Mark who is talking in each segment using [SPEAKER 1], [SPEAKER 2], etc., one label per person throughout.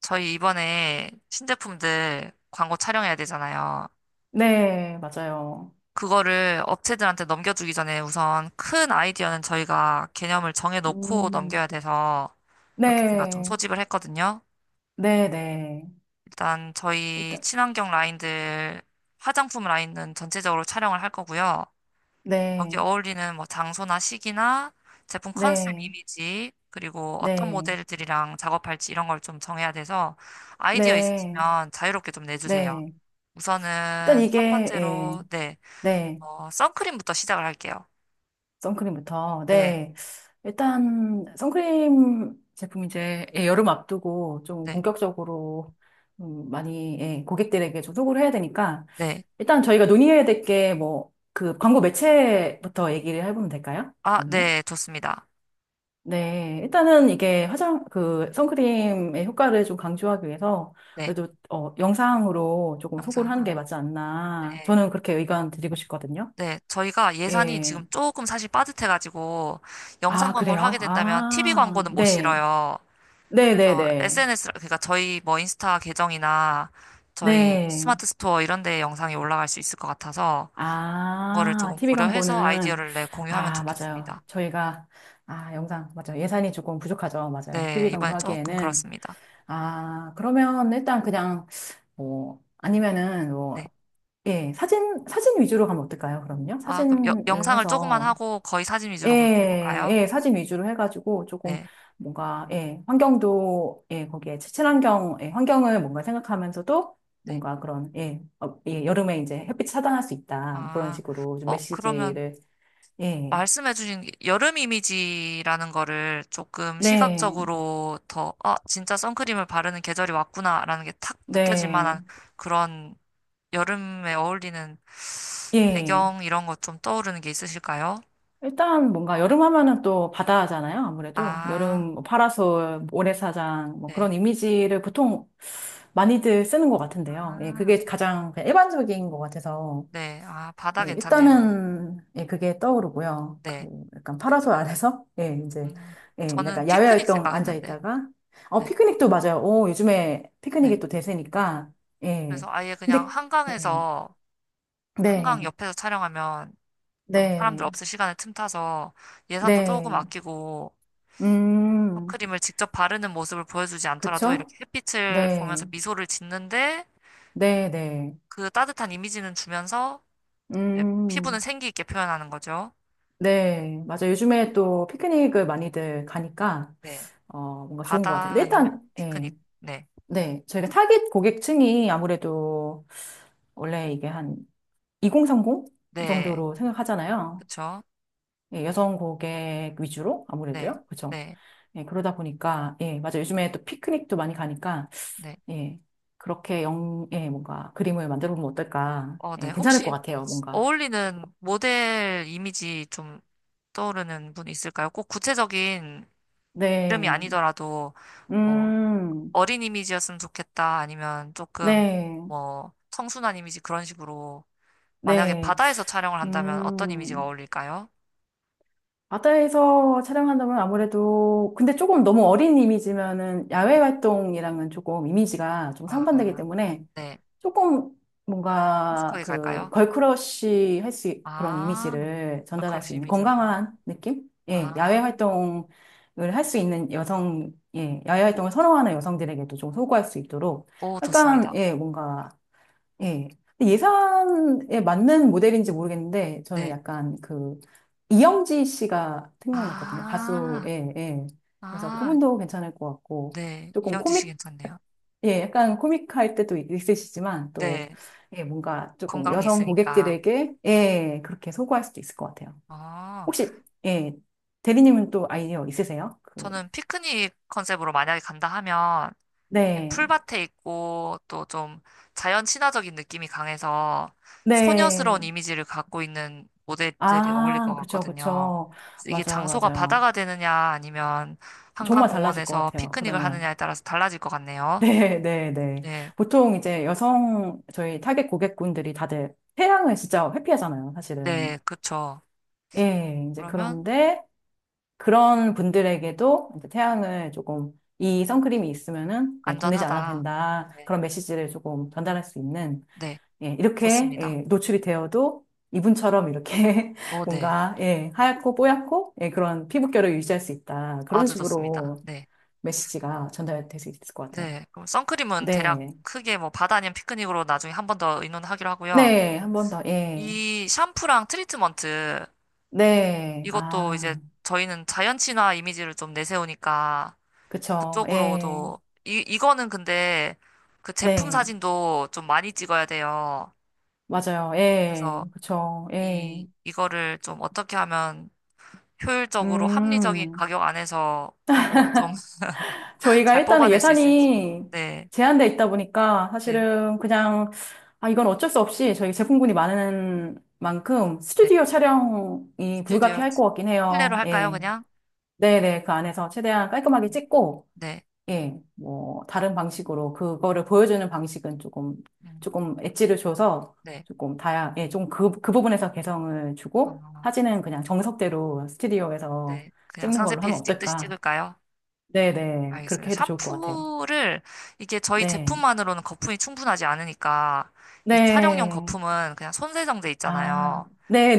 [SPEAKER 1] 저희 이번에 신제품들 광고 촬영해야 되잖아요.
[SPEAKER 2] 네, 맞아요.
[SPEAKER 1] 그거를 업체들한테 넘겨주기 전에 우선 큰 아이디어는 저희가 개념을 정해놓고
[SPEAKER 2] 음,
[SPEAKER 1] 넘겨야 돼서 이렇게 제가 좀
[SPEAKER 2] 네,
[SPEAKER 1] 소집을 했거든요.
[SPEAKER 2] 네, 네.
[SPEAKER 1] 일단 저희
[SPEAKER 2] 일단,
[SPEAKER 1] 친환경 라인들, 화장품 라인은 전체적으로 촬영을 할 거고요. 여기
[SPEAKER 2] 네,
[SPEAKER 1] 어울리는 뭐 장소나 시기나 제품 컨셉
[SPEAKER 2] 네,
[SPEAKER 1] 이미지, 그리고 어떤
[SPEAKER 2] 네,
[SPEAKER 1] 모델들이랑 작업할지 이런 걸 좀 정해야 돼서 아이디어
[SPEAKER 2] 네,
[SPEAKER 1] 있으시면 자유롭게 좀 내주세요.
[SPEAKER 2] 네. 일단
[SPEAKER 1] 우선은
[SPEAKER 2] 이게,
[SPEAKER 1] 첫
[SPEAKER 2] 예,
[SPEAKER 1] 번째로, 네,
[SPEAKER 2] 네,
[SPEAKER 1] 선크림부터 시작을 할게요.
[SPEAKER 2] 선크림부터,
[SPEAKER 1] 네,
[SPEAKER 2] 네. 일단, 선크림 제품 이제, 예, 여름 앞두고 좀
[SPEAKER 1] 네,
[SPEAKER 2] 본격적으로 많이, 예, 고객들에게 좀 소구를 해야 되니까,
[SPEAKER 1] 네.
[SPEAKER 2] 일단 저희가 논의해야 될 게 뭐, 그 광고 매체부터 얘기를 해보면 될까요?
[SPEAKER 1] 아,
[SPEAKER 2] 그럼요.
[SPEAKER 1] 네, 좋습니다.
[SPEAKER 2] 네, 일단은 이게 화장, 그, 선크림의 효과를 좀 강조하기 위해서
[SPEAKER 1] 네,
[SPEAKER 2] 그래도, 어, 영상으로 조금 소구를
[SPEAKER 1] 영상.
[SPEAKER 2] 하는 게 맞지 않나.
[SPEAKER 1] 네,
[SPEAKER 2] 저는 그렇게 의견 드리고 싶거든요.
[SPEAKER 1] 네. 저희가 예산이
[SPEAKER 2] 예.
[SPEAKER 1] 지금 조금 사실 빠듯해가지고 영상
[SPEAKER 2] 아,
[SPEAKER 1] 광고를
[SPEAKER 2] 그래요?
[SPEAKER 1] 하게 된다면 TV
[SPEAKER 2] 아,
[SPEAKER 1] 광고는 못
[SPEAKER 2] 네.
[SPEAKER 1] 실어요. 그래서
[SPEAKER 2] 네네네.
[SPEAKER 1] SNS, 그러니까 저희 뭐 인스타 계정이나 저희
[SPEAKER 2] 네.
[SPEAKER 1] 스마트 스토어 이런 데 영상이 올라갈 수 있을 것 같아서 그거를
[SPEAKER 2] 아,
[SPEAKER 1] 조금
[SPEAKER 2] TV
[SPEAKER 1] 고려해서
[SPEAKER 2] 광고는,
[SPEAKER 1] 아이디어를 내 공유하면
[SPEAKER 2] 아, 맞아요.
[SPEAKER 1] 좋겠습니다.
[SPEAKER 2] 저희가, 아, 영상, 맞아요. 예산이 조금 부족하죠. 맞아요.
[SPEAKER 1] 네,
[SPEAKER 2] TV 광고
[SPEAKER 1] 이번에 조금
[SPEAKER 2] 하기에는.
[SPEAKER 1] 그렇습니다.
[SPEAKER 2] 아, 그러면 일단 그냥, 뭐, 아니면은
[SPEAKER 1] 네.
[SPEAKER 2] 뭐, 예, 사진 위주로 가면 어떨까요, 그럼요?
[SPEAKER 1] 아, 그럼
[SPEAKER 2] 사진을
[SPEAKER 1] 영상을 조금만
[SPEAKER 2] 해서,
[SPEAKER 1] 하고 거의 사진 위주로 그렇게
[SPEAKER 2] 예,
[SPEAKER 1] 해볼까요?
[SPEAKER 2] 예, 사진 위주로 해가지고 조금
[SPEAKER 1] 네,
[SPEAKER 2] 뭔가, 예, 환경도, 예, 거기에 친환경, 예, 환경을 뭔가 생각하면서도
[SPEAKER 1] 네.
[SPEAKER 2] 뭔가 그런, 예, 어, 예, 여름에 이제 햇빛 차단할 수 있다. 그런
[SPEAKER 1] 아,
[SPEAKER 2] 식으로 좀
[SPEAKER 1] 그러면
[SPEAKER 2] 메시지를, 예,
[SPEAKER 1] 말씀해주신 게 여름 이미지라는 거를 조금
[SPEAKER 2] 네,
[SPEAKER 1] 시각적으로 더, 아, 진짜 선크림을 바르는 계절이 왔구나라는 게 탁 느껴질
[SPEAKER 2] 네,
[SPEAKER 1] 만한 그런 여름에 어울리는
[SPEAKER 2] 예.
[SPEAKER 1] 배경 이런 것 좀 떠오르는 게 있으실까요?
[SPEAKER 2] 일단 뭔가 여름 하면은 또 바다잖아요. 아무래도
[SPEAKER 1] 아,
[SPEAKER 2] 여름 뭐 파라솔, 모래사장 뭐
[SPEAKER 1] 네.
[SPEAKER 2] 그런 이미지를 보통 많이들 쓰는 것 같은데요. 예,
[SPEAKER 1] 아,
[SPEAKER 2] 그게 가장 그냥 일반적인 것 같아서
[SPEAKER 1] 네. 아, 바다
[SPEAKER 2] 예,
[SPEAKER 1] 괜찮네요.
[SPEAKER 2] 일단은 예, 그게 떠오르고요. 그
[SPEAKER 1] 네.
[SPEAKER 2] 약간 파라솔 아래서 예, 이제
[SPEAKER 1] 음,
[SPEAKER 2] 예,
[SPEAKER 1] 저는
[SPEAKER 2] 약간 야외
[SPEAKER 1] 피크닉
[SPEAKER 2] 활동 앉아
[SPEAKER 1] 생각했는데.
[SPEAKER 2] 있다가 어
[SPEAKER 1] 네.
[SPEAKER 2] 피크닉도 맞아요. 오, 요즘에 피크닉이
[SPEAKER 1] 네.
[SPEAKER 2] 또 대세니까
[SPEAKER 1] 그래서
[SPEAKER 2] 예.
[SPEAKER 1] 아예 그냥
[SPEAKER 2] 근데 예.
[SPEAKER 1] 한강에서, 한강
[SPEAKER 2] 네.
[SPEAKER 1] 옆에서 촬영하면 좀 사람들
[SPEAKER 2] 네.
[SPEAKER 1] 없을 시간에 틈타서 예산도 조금
[SPEAKER 2] 네.
[SPEAKER 1] 아끼고
[SPEAKER 2] 음.
[SPEAKER 1] 선크림을 직접 바르는 모습을 보여주지 않더라도
[SPEAKER 2] 그쵸?
[SPEAKER 1] 이렇게 햇빛을
[SPEAKER 2] 네,
[SPEAKER 1] 보면서 미소를 짓는데
[SPEAKER 2] 네, 네.
[SPEAKER 1] 그 따뜻한 이미지는 주면서 이제 피부는
[SPEAKER 2] 음,
[SPEAKER 1] 생기 있게 표현하는 거죠.
[SPEAKER 2] 네. 맞아. 요즘에 또 피크닉을 많이들 가니까,
[SPEAKER 1] 네.
[SPEAKER 2] 어, 뭔가 좋은 것 같아요.
[SPEAKER 1] 바다
[SPEAKER 2] 근데 일단,
[SPEAKER 1] 아니면
[SPEAKER 2] 예.
[SPEAKER 1] 피크닉. 네.
[SPEAKER 2] 네. 저희가 타깃 고객층이 아무래도 원래 이게 한 2030
[SPEAKER 1] 네.
[SPEAKER 2] 정도로 생각하잖아요.
[SPEAKER 1] 그쵸.
[SPEAKER 2] 예, 여성 고객 위주로
[SPEAKER 1] 네.
[SPEAKER 2] 아무래도요. 그죠?
[SPEAKER 1] 네.
[SPEAKER 2] 예, 그러다 보니까, 예, 맞아. 요즘에 또 피크닉도 많이 가니까,
[SPEAKER 1] 네.
[SPEAKER 2] 예. 그렇게 영, 예, 뭔가 그림을 만들어 보면 어떨까.
[SPEAKER 1] 네.
[SPEAKER 2] 예, 괜찮을 것
[SPEAKER 1] 혹시
[SPEAKER 2] 같아요. 뭔가.
[SPEAKER 1] 어울리는 모델 이미지 좀 떠오르는 분 있을까요? 꼭 구체적인 이름이
[SPEAKER 2] 네.
[SPEAKER 1] 아니더라도 뭐
[SPEAKER 2] 음,
[SPEAKER 1] 어린 이미지였으면 좋겠다 아니면 조금
[SPEAKER 2] 네,
[SPEAKER 1] 뭐 청순한 이미지 그런 식으로 만약에
[SPEAKER 2] 네,
[SPEAKER 1] 바다에서 촬영을 한다면 어떤 이미지가
[SPEAKER 2] 음,
[SPEAKER 1] 어울릴까요?
[SPEAKER 2] 바다에서 촬영한다면 아무래도, 근데 조금 너무 어린 이미지면은 야외 활동이랑은 조금 이미지가 좀 상반되기
[SPEAKER 1] 아,
[SPEAKER 2] 때문에
[SPEAKER 1] 네.
[SPEAKER 2] 조금 뭔가
[SPEAKER 1] 큼직하게
[SPEAKER 2] 그
[SPEAKER 1] 갈까요?
[SPEAKER 2] 걸크러쉬 할 수, 그런
[SPEAKER 1] 아,
[SPEAKER 2] 이미지를 전달할 수
[SPEAKER 1] 걸크러쉬
[SPEAKER 2] 있는
[SPEAKER 1] 이미지로.
[SPEAKER 2] 건강한 느낌? 예, 야외
[SPEAKER 1] 아,
[SPEAKER 2] 활동을 할 수 있는 여성, 예, 야외
[SPEAKER 1] 오,
[SPEAKER 2] 활동을 선호하는 여성들에게도 좀 소구할 수 있도록
[SPEAKER 1] 오,
[SPEAKER 2] 약간,
[SPEAKER 1] 좋습니다.
[SPEAKER 2] 예, 뭔가 예. 근데
[SPEAKER 1] 음,
[SPEAKER 2] 예산에 맞는 모델인지 모르겠는데, 저는
[SPEAKER 1] 네.
[SPEAKER 2] 약간 그, 이영지 씨가 생각났거든요. 가수,
[SPEAKER 1] 아,
[SPEAKER 2] 예, 예. 그래서
[SPEAKER 1] 아,
[SPEAKER 2] 그분도 괜찮을 것 같고,
[SPEAKER 1] 네.
[SPEAKER 2] 조금
[SPEAKER 1] 이영지 씨
[SPEAKER 2] 코믹,
[SPEAKER 1] 괜찮네요.
[SPEAKER 2] 예, 약간 코믹할 때도 있으시지만, 또,
[SPEAKER 1] 네.
[SPEAKER 2] 예, 뭔가 조금
[SPEAKER 1] 건강미
[SPEAKER 2] 여성
[SPEAKER 1] 있으니까.
[SPEAKER 2] 고객들에게, 예, 그렇게 소구할 수도 있을 것 같아요.
[SPEAKER 1] 어,
[SPEAKER 2] 혹시, 예, 대리님은 또 아이디어 있으세요? 그,
[SPEAKER 1] 저는 피크닉 컨셉으로 만약에 간다 하면 이게
[SPEAKER 2] 네,
[SPEAKER 1] 풀밭에 있고 또 좀 자연 친화적인 느낌이 강해서
[SPEAKER 2] 네.
[SPEAKER 1] 소녀스러운 이미지를 갖고 있는 모델들이 어울릴
[SPEAKER 2] 아,
[SPEAKER 1] 것
[SPEAKER 2] 그쵸,
[SPEAKER 1] 같거든요.
[SPEAKER 2] 그쵸.
[SPEAKER 1] 그래서 이게
[SPEAKER 2] 맞아요,
[SPEAKER 1] 장소가
[SPEAKER 2] 맞아요.
[SPEAKER 1] 바다가 되느냐 아니면
[SPEAKER 2] 정말 달라질 것
[SPEAKER 1] 한강공원에서
[SPEAKER 2] 같아요,
[SPEAKER 1] 피크닉을
[SPEAKER 2] 그러면.
[SPEAKER 1] 하느냐에 따라서 달라질 것 같네요.
[SPEAKER 2] 네, 네, 네.
[SPEAKER 1] 네,
[SPEAKER 2] 보통 이제 여성 저희 타겟 고객분들이 다들 태양을 진짜 회피하잖아요,
[SPEAKER 1] 네,
[SPEAKER 2] 사실은.
[SPEAKER 1] 그쵸.
[SPEAKER 2] 예, 이제
[SPEAKER 1] 그러면
[SPEAKER 2] 그런데 그런 분들에게도 이제 태양을 조금 이 선크림이 있으면은 예, 겁내지 않아도
[SPEAKER 1] 안전하다.
[SPEAKER 2] 된다.
[SPEAKER 1] 네,
[SPEAKER 2] 그런 메시지를 조금 전달할 수 있는
[SPEAKER 1] 네,
[SPEAKER 2] 예, 이렇게
[SPEAKER 1] 좋습니다.
[SPEAKER 2] 예, 노출이 되어도 이분처럼 이렇게
[SPEAKER 1] 네,
[SPEAKER 2] 뭔가 예, 하얗고 뽀얗고 예, 그런 피부결을 유지할 수 있다. 그런
[SPEAKER 1] 아주 좋습니다.
[SPEAKER 2] 식으로
[SPEAKER 1] 네,
[SPEAKER 2] 메시지가 전달될 수 있을 것 같아요.
[SPEAKER 1] 네. 그럼 선크림은 대략
[SPEAKER 2] 네.
[SPEAKER 1] 크게 뭐 바다 아니면 피크닉으로 나중에 한 번 더 의논하기로 하고요.
[SPEAKER 2] 네, 한 번 더, 예.
[SPEAKER 1] 이 샴푸랑 트리트먼트
[SPEAKER 2] 네,
[SPEAKER 1] 이것도
[SPEAKER 2] 아,
[SPEAKER 1] 이제 저희는 자연 친화 이미지를 좀 내세우니까
[SPEAKER 2] 그쵸, 예.
[SPEAKER 1] 그쪽으로도 이 이거는 근데 그 제품
[SPEAKER 2] 네,
[SPEAKER 1] 사진도 좀 많이 찍어야 돼요.
[SPEAKER 2] 맞아요,
[SPEAKER 1] 그래서
[SPEAKER 2] 예. 그쵸, 예.
[SPEAKER 1] 이 이거를 좀 어떻게 하면 효율적으로 합리적인
[SPEAKER 2] 음,
[SPEAKER 1] 가격 안에서 광고를 좀
[SPEAKER 2] 저희가
[SPEAKER 1] 잘
[SPEAKER 2] 일단은
[SPEAKER 1] 뽑아낼 수 있을지.
[SPEAKER 2] 예산이
[SPEAKER 1] 네,
[SPEAKER 2] 제한돼 있다 보니까
[SPEAKER 1] 네,
[SPEAKER 2] 사실은 그냥, 아, 이건 어쩔 수 없이 저희 제품군이 많은 만큼
[SPEAKER 1] 네.
[SPEAKER 2] 스튜디오 촬영이
[SPEAKER 1] 스튜디오
[SPEAKER 2] 불가피할 것 같긴
[SPEAKER 1] 실내로
[SPEAKER 2] 해요,
[SPEAKER 1] 할까요,
[SPEAKER 2] 예.
[SPEAKER 1] 그냥?
[SPEAKER 2] 네네, 그 안에서 최대한 깔끔하게 찍고,
[SPEAKER 1] 네,
[SPEAKER 2] 예, 뭐, 다른 방식으로 그거를 보여주는 방식은 조금,
[SPEAKER 1] 음,
[SPEAKER 2] 조금 엣지를 줘서
[SPEAKER 1] 네,
[SPEAKER 2] 조금 다양, 예, 좀 그, 그 부분에서 개성을 주고
[SPEAKER 1] 어,
[SPEAKER 2] 사진은 그냥 정석대로 스튜디오에서
[SPEAKER 1] 네. 그냥
[SPEAKER 2] 찍는
[SPEAKER 1] 상세
[SPEAKER 2] 걸로 하면
[SPEAKER 1] 페이지 찍듯이
[SPEAKER 2] 어떨까?
[SPEAKER 1] 찍을까요?
[SPEAKER 2] 네네.
[SPEAKER 1] 알겠습니다.
[SPEAKER 2] 그렇게 해도 좋을 것 같아요.
[SPEAKER 1] 샴푸를 이게 저희
[SPEAKER 2] 네.
[SPEAKER 1] 제품만으로는 거품이 충분하지 않으니까 이 촬영용
[SPEAKER 2] 네.
[SPEAKER 1] 거품은 그냥 손세정제
[SPEAKER 2] 아,
[SPEAKER 1] 있잖아요.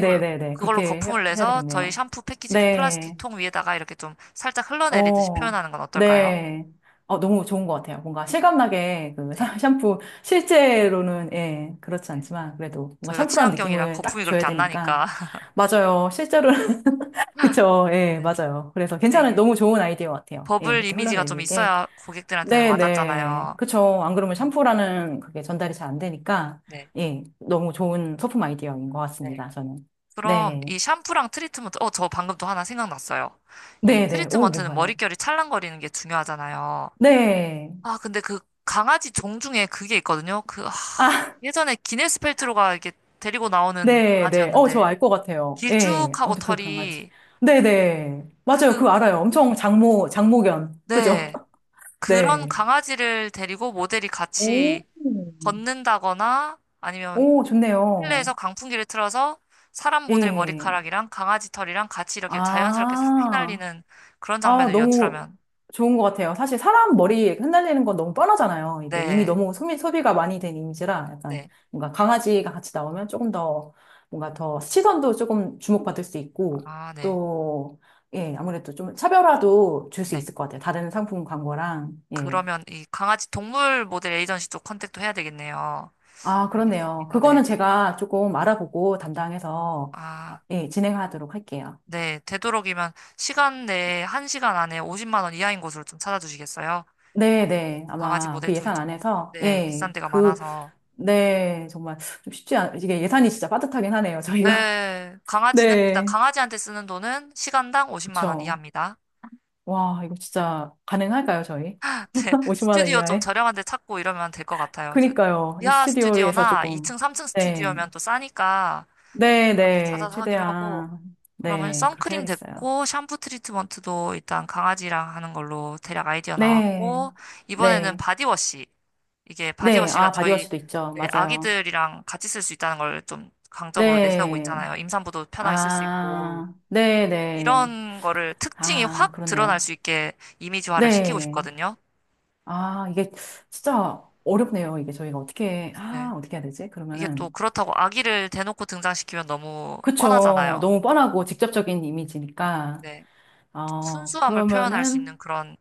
[SPEAKER 1] 그- 그걸로
[SPEAKER 2] 그렇게 해-
[SPEAKER 1] 거품을
[SPEAKER 2] 해야
[SPEAKER 1] 내서 저희
[SPEAKER 2] 되겠네요.
[SPEAKER 1] 샴푸 패키지 그 플라스틱
[SPEAKER 2] 네.
[SPEAKER 1] 통 위에다가 이렇게 좀 살짝 흘러내리듯이
[SPEAKER 2] 어,
[SPEAKER 1] 표현하는 건 어떨까요?
[SPEAKER 2] 네. 어, 너무 좋은 것 같아요. 뭔가 실감나게 그
[SPEAKER 1] 네.
[SPEAKER 2] 샴푸, 실제로는, 예, 그렇지
[SPEAKER 1] 네.
[SPEAKER 2] 않지만, 그래도 뭔가
[SPEAKER 1] 저희가
[SPEAKER 2] 샴푸라는
[SPEAKER 1] 친환경이라
[SPEAKER 2] 느낌을 딱
[SPEAKER 1] 거품이
[SPEAKER 2] 줘야
[SPEAKER 1] 그렇게 안
[SPEAKER 2] 되니까.
[SPEAKER 1] 나니까.
[SPEAKER 2] 맞아요. 실제로는, 그쵸. 예,
[SPEAKER 1] 네.
[SPEAKER 2] 맞아요. 그래서
[SPEAKER 1] 근데
[SPEAKER 2] 괜찮은,
[SPEAKER 1] 이게
[SPEAKER 2] 너무 좋은 아이디어 같아요. 예,
[SPEAKER 1] 버블
[SPEAKER 2] 이렇게
[SPEAKER 1] 이미지가 좀
[SPEAKER 2] 흘러내리게.
[SPEAKER 1] 있어야 고객들한테는
[SPEAKER 2] 네네.
[SPEAKER 1] 와닿잖아요.
[SPEAKER 2] 그쵸. 안 그러면
[SPEAKER 1] 음.
[SPEAKER 2] 샴푸라는 그게 전달이 잘 안 되니까,
[SPEAKER 1] 네.
[SPEAKER 2] 예, 너무 좋은 소품 아이디어인 것
[SPEAKER 1] 네.
[SPEAKER 2] 같습니다. 저는.
[SPEAKER 1] 그럼
[SPEAKER 2] 네.
[SPEAKER 1] 이 샴푸랑 트리트먼트, 저 방금 또 하나 생각났어요. 이
[SPEAKER 2] 네네. 오,
[SPEAKER 1] 트리트먼트는
[SPEAKER 2] 뭔가요?
[SPEAKER 1] 머릿결이 찰랑거리는 게 중요하잖아요.
[SPEAKER 2] 네.
[SPEAKER 1] 아, 근데 그 강아지 종 중에 그게 있거든요.
[SPEAKER 2] 아,
[SPEAKER 1] 예전에 기네스 펠트로가 이렇게 데리고 나오는
[SPEAKER 2] 네, 네. 어, 저
[SPEAKER 1] 강아지였는데,
[SPEAKER 2] 알 것 같아요. 예.
[SPEAKER 1] 길쭉하고
[SPEAKER 2] 아무튼 그 강아지.
[SPEAKER 1] 털이,
[SPEAKER 2] 네, 네. 맞아요.
[SPEAKER 1] 그,
[SPEAKER 2] 그거 알아요. 엄청 장모견. 그죠?
[SPEAKER 1] 네. 그런
[SPEAKER 2] 네.
[SPEAKER 1] 강아지를 데리고 모델이
[SPEAKER 2] 오,
[SPEAKER 1] 같이 걷는다거나, 아니면
[SPEAKER 2] 오, 좋네요.
[SPEAKER 1] 실내에서 강풍기를 틀어서 사람 모델
[SPEAKER 2] 예.
[SPEAKER 1] 머리카락이랑 강아지 털이랑 같이 이렇게 자연스럽게 싹
[SPEAKER 2] 아.
[SPEAKER 1] 휘날리는 그런
[SPEAKER 2] 아,
[SPEAKER 1] 장면을
[SPEAKER 2] 너무
[SPEAKER 1] 연출하면
[SPEAKER 2] 좋은 것 같아요. 사실 사람 머리 흩날리는 건 너무 뻔하잖아요. 이게 이미
[SPEAKER 1] 네,
[SPEAKER 2] 너무 소비가 많이 된 이미지라 약간
[SPEAKER 1] 네.
[SPEAKER 2] 뭔가 강아지가 같이 나오면 조금 더 뭔가 더 시선도 조금 주목받을 수 있고
[SPEAKER 1] 아, 네,
[SPEAKER 2] 또, 예, 아무래도 좀 차별화도 줄 수
[SPEAKER 1] 네.
[SPEAKER 2] 있을 것 같아요. 다른 상품 광고랑, 예.
[SPEAKER 1] 그러면 이 강아지 동물 모델 에이전시 쪽 컨택도 해야 되겠네요.
[SPEAKER 2] 아, 그렇네요.
[SPEAKER 1] 알겠습니다.
[SPEAKER 2] 그거는
[SPEAKER 1] 네.
[SPEAKER 2] 제가 조금 알아보고 담당해서, 아,
[SPEAKER 1] 아,
[SPEAKER 2] 예, 진행하도록 할게요.
[SPEAKER 1] 네. 되도록이면 시간 내에, 1시간 안에 50만 원 이하인 곳으로 좀 찾아주시겠어요?
[SPEAKER 2] 네네.
[SPEAKER 1] 강아지
[SPEAKER 2] 아마
[SPEAKER 1] 모델
[SPEAKER 2] 그
[SPEAKER 1] 쪽이
[SPEAKER 2] 예산
[SPEAKER 1] 좀,
[SPEAKER 2] 안에서,
[SPEAKER 1] 네,
[SPEAKER 2] 예,
[SPEAKER 1] 비싼 데가
[SPEAKER 2] 그,
[SPEAKER 1] 많아서.
[SPEAKER 2] 네, 정말 좀 쉽지 않, 이게 예산이 진짜 빠듯하긴 하네요, 저희가.
[SPEAKER 1] 네. 강아지는, 일단
[SPEAKER 2] 네.
[SPEAKER 1] 강아지한테 쓰는 돈은 시간당 50만 원
[SPEAKER 2] 그쵸.
[SPEAKER 1] 이하입니다.
[SPEAKER 2] 와, 이거 진짜 가능할까요, 저희?
[SPEAKER 1] 네.
[SPEAKER 2] 50만 원
[SPEAKER 1] 스튜디오 좀
[SPEAKER 2] 이하에?
[SPEAKER 1] 저렴한 데 찾고 이러면 될 것 같아요. 그래서
[SPEAKER 2] 그니까요. 이
[SPEAKER 1] 지하
[SPEAKER 2] 스튜디오에서
[SPEAKER 1] 스튜디오나
[SPEAKER 2] 조금.
[SPEAKER 1] 2층, 3층
[SPEAKER 2] 네.
[SPEAKER 1] 스튜디오면 또 싸니까
[SPEAKER 2] 네,
[SPEAKER 1] 그런 데
[SPEAKER 2] 네.
[SPEAKER 1] 찾아서 하기로 하고,
[SPEAKER 2] 최대한.
[SPEAKER 1] 그러면
[SPEAKER 2] 네, 그렇게
[SPEAKER 1] 선크림
[SPEAKER 2] 해야겠어요.
[SPEAKER 1] 됐고, 샴푸 트리트먼트도 일단 강아지랑 하는 걸로 대략 아이디어
[SPEAKER 2] 네.
[SPEAKER 1] 나왔고, 이번에는
[SPEAKER 2] 네.
[SPEAKER 1] 바디워시. 이게
[SPEAKER 2] 네.
[SPEAKER 1] 바디워시가
[SPEAKER 2] 아,
[SPEAKER 1] 저희
[SPEAKER 2] 바디워시도 있죠.
[SPEAKER 1] 네,
[SPEAKER 2] 맞아요.
[SPEAKER 1] 아기들이랑 같이 쓸 수 있다는 걸 좀 강점으로 내세우고
[SPEAKER 2] 네.
[SPEAKER 1] 있잖아요. 임산부도 편하게 쓸 수 있고.
[SPEAKER 2] 아, 네, 네.
[SPEAKER 1] 이런 거를 특징이
[SPEAKER 2] 아,
[SPEAKER 1] 확 드러날
[SPEAKER 2] 그렇네요.
[SPEAKER 1] 수 있게 이미지화를 시키고
[SPEAKER 2] 네.
[SPEAKER 1] 싶거든요.
[SPEAKER 2] 아, 이게 진짜 어렵네요. 이게 저희가 어떻게,
[SPEAKER 1] 네.
[SPEAKER 2] 아, 어떻게 해야 되지?
[SPEAKER 1] 이게 또
[SPEAKER 2] 그러면은.
[SPEAKER 1] 그렇다고 아기를 대놓고 등장시키면 너무
[SPEAKER 2] 그쵸.
[SPEAKER 1] 뻔하잖아요.
[SPEAKER 2] 너무 뻔하고 직접적인 이미지니까.
[SPEAKER 1] 네. 좀
[SPEAKER 2] 어,
[SPEAKER 1] 순수함을 표현할 수 있는
[SPEAKER 2] 그러면은,
[SPEAKER 1] 그런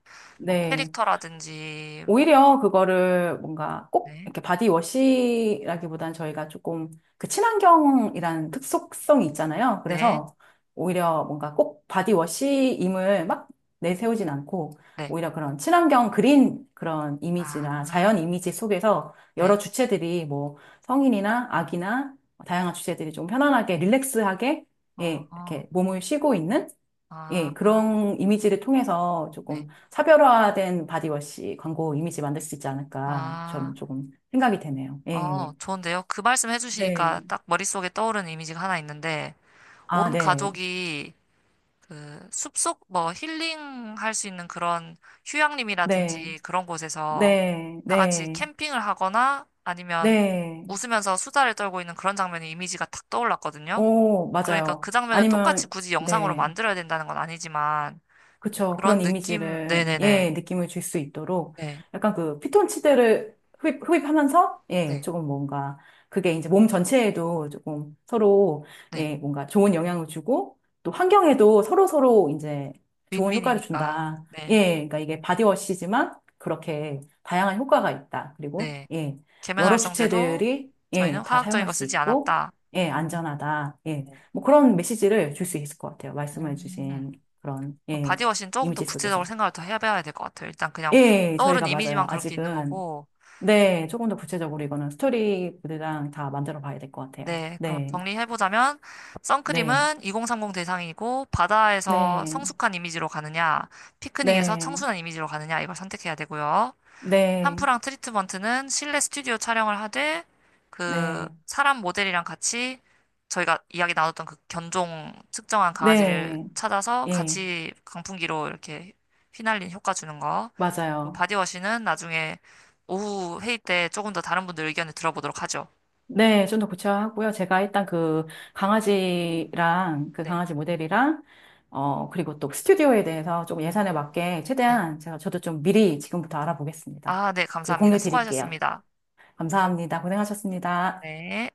[SPEAKER 1] 뭐
[SPEAKER 2] 네.
[SPEAKER 1] 캐릭터라든지 뭐,
[SPEAKER 2] 오히려 그거를 뭔가 꼭
[SPEAKER 1] 네.
[SPEAKER 2] 이렇게 바디워시라기보단 저희가 조금 그 친환경이라는 특속성이 있잖아요.
[SPEAKER 1] 네,
[SPEAKER 2] 그래서 오히려 뭔가 꼭 바디워시임을 막 내세우진 않고
[SPEAKER 1] 네,
[SPEAKER 2] 오히려 그런 친환경 그린 그런
[SPEAKER 1] 아,
[SPEAKER 2] 이미지나 자연 이미지 속에서
[SPEAKER 1] 네,
[SPEAKER 2] 여러 주체들이 뭐 성인이나 아기나 다양한 주체들이 좀 편안하게 릴렉스하게
[SPEAKER 1] 어,
[SPEAKER 2] 예,
[SPEAKER 1] 어,
[SPEAKER 2] 이렇게 몸을 쉬고 있는 예,
[SPEAKER 1] 아,
[SPEAKER 2] 그런 이미지를 통해서
[SPEAKER 1] 네,
[SPEAKER 2] 조금 차별화된 바디워시 광고 이미지 만들 수 있지 않을까
[SPEAKER 1] 아,
[SPEAKER 2] 저는 조금 생각이 되네요. 예.
[SPEAKER 1] 좋은데요? 그 말씀
[SPEAKER 2] 네.
[SPEAKER 1] 해주시니까 딱 머릿속에 떠오르는 이미지가 하나 있는데,
[SPEAKER 2] 아,
[SPEAKER 1] 온
[SPEAKER 2] 네.
[SPEAKER 1] 가족이 그 숲속 뭐 힐링 할 수 있는 그런
[SPEAKER 2] 네.
[SPEAKER 1] 휴양림이라든지 그런 곳에서
[SPEAKER 2] 네.
[SPEAKER 1] 다 같이
[SPEAKER 2] 네.
[SPEAKER 1] 캠핑을 하거나 아니면
[SPEAKER 2] 네.
[SPEAKER 1] 웃으면서 수다를 떨고 있는 그런 장면의 이미지가 탁 떠올랐거든요.
[SPEAKER 2] 오,
[SPEAKER 1] 그러니까 그
[SPEAKER 2] 맞아요.
[SPEAKER 1] 장면을 똑같이
[SPEAKER 2] 아니면
[SPEAKER 1] 굳이 영상으로
[SPEAKER 2] 네.
[SPEAKER 1] 만들어야 된다는 건 아니지만,
[SPEAKER 2] 그쵸. 그런
[SPEAKER 1] 그런 느낌,
[SPEAKER 2] 이미지를,
[SPEAKER 1] 네네네.
[SPEAKER 2] 예, 느낌을 줄 수 있도록
[SPEAKER 1] 네,
[SPEAKER 2] 약간 그 피톤치드를 흡입하면서, 예,
[SPEAKER 1] 네,
[SPEAKER 2] 조금 뭔가 그게 이제 몸 전체에도 조금 서로,
[SPEAKER 1] 네.
[SPEAKER 2] 예, 뭔가 좋은 영향을 주고 또 환경에도 서로서로 이제 좋은 효과를
[SPEAKER 1] 윈윈이니까.
[SPEAKER 2] 준다.
[SPEAKER 1] 네,
[SPEAKER 2] 예, 그러니까 이게 바디워시지만 그렇게 다양한 효과가 있다. 그리고,
[SPEAKER 1] 네.
[SPEAKER 2] 예, 여러
[SPEAKER 1] 계면활성제도
[SPEAKER 2] 주체들이,
[SPEAKER 1] 저희는
[SPEAKER 2] 예, 다
[SPEAKER 1] 화학적인
[SPEAKER 2] 사용할
[SPEAKER 1] 거
[SPEAKER 2] 수
[SPEAKER 1] 쓰지
[SPEAKER 2] 있고,
[SPEAKER 1] 않았다.
[SPEAKER 2] 예, 안전하다. 예,
[SPEAKER 1] 네.
[SPEAKER 2] 뭐 그런 메시지를 줄 수 있을 것 같아요. 말씀해
[SPEAKER 1] 음.
[SPEAKER 2] 주신 그런, 예.
[SPEAKER 1] 바디워시는 조금 더
[SPEAKER 2] 이미지
[SPEAKER 1] 구체적으로
[SPEAKER 2] 속에서.
[SPEAKER 1] 생각을 더 해봐야 될 것 같아요. 일단 그냥
[SPEAKER 2] 예,
[SPEAKER 1] 떠오른
[SPEAKER 2] 저희가 맞아요.
[SPEAKER 1] 이미지만 그렇게 있는
[SPEAKER 2] 아직은.
[SPEAKER 1] 거고.
[SPEAKER 2] 네, 조금 더
[SPEAKER 1] 음.
[SPEAKER 2] 구체적으로 이거는 스토리보드랑 다 만들어 봐야 될 것 같아요.
[SPEAKER 1] 네, 그럼
[SPEAKER 2] 네,
[SPEAKER 1] 정리해보자면,
[SPEAKER 2] 네,
[SPEAKER 1] 선크림은 2030 대상이고, 바다에서
[SPEAKER 2] 네,
[SPEAKER 1] 성숙한 이미지로 가느냐, 피크닉에서
[SPEAKER 2] 네,
[SPEAKER 1] 청순한 이미지로 가느냐, 이걸 선택해야 되고요.
[SPEAKER 2] 네,
[SPEAKER 1] 한프랑 트리트먼트는 실내 스튜디오 촬영을 하되 그
[SPEAKER 2] 네,
[SPEAKER 1] 사람 모델이랑 같이 저희가 이야기 나눴던 그 견종 특정한 강아지를
[SPEAKER 2] 네,
[SPEAKER 1] 찾아서
[SPEAKER 2] 예,
[SPEAKER 1] 같이 강풍기로 이렇게 휘날린 효과 주는 거. 그리고
[SPEAKER 2] 맞아요.
[SPEAKER 1] 바디워시는 나중에 오후 회의 때 조금 더 다른 분들 의견을 들어보도록 하죠.
[SPEAKER 2] 네, 좀 더 구체화하고요. 제가 일단 그 강아지랑 그
[SPEAKER 1] 네.
[SPEAKER 2] 강아지 모델이랑 어, 그리고 또 스튜디오에 대해서 조금 예산에 맞게
[SPEAKER 1] 네.
[SPEAKER 2] 최대한 제가 저도 좀 미리 지금부터 알아보겠습니다.
[SPEAKER 1] 아, 네.
[SPEAKER 2] 그리고
[SPEAKER 1] 감사합니다.
[SPEAKER 2] 공유 드릴게요.
[SPEAKER 1] 수고하셨습니다.
[SPEAKER 2] 감사합니다. 고생하셨습니다.
[SPEAKER 1] 네.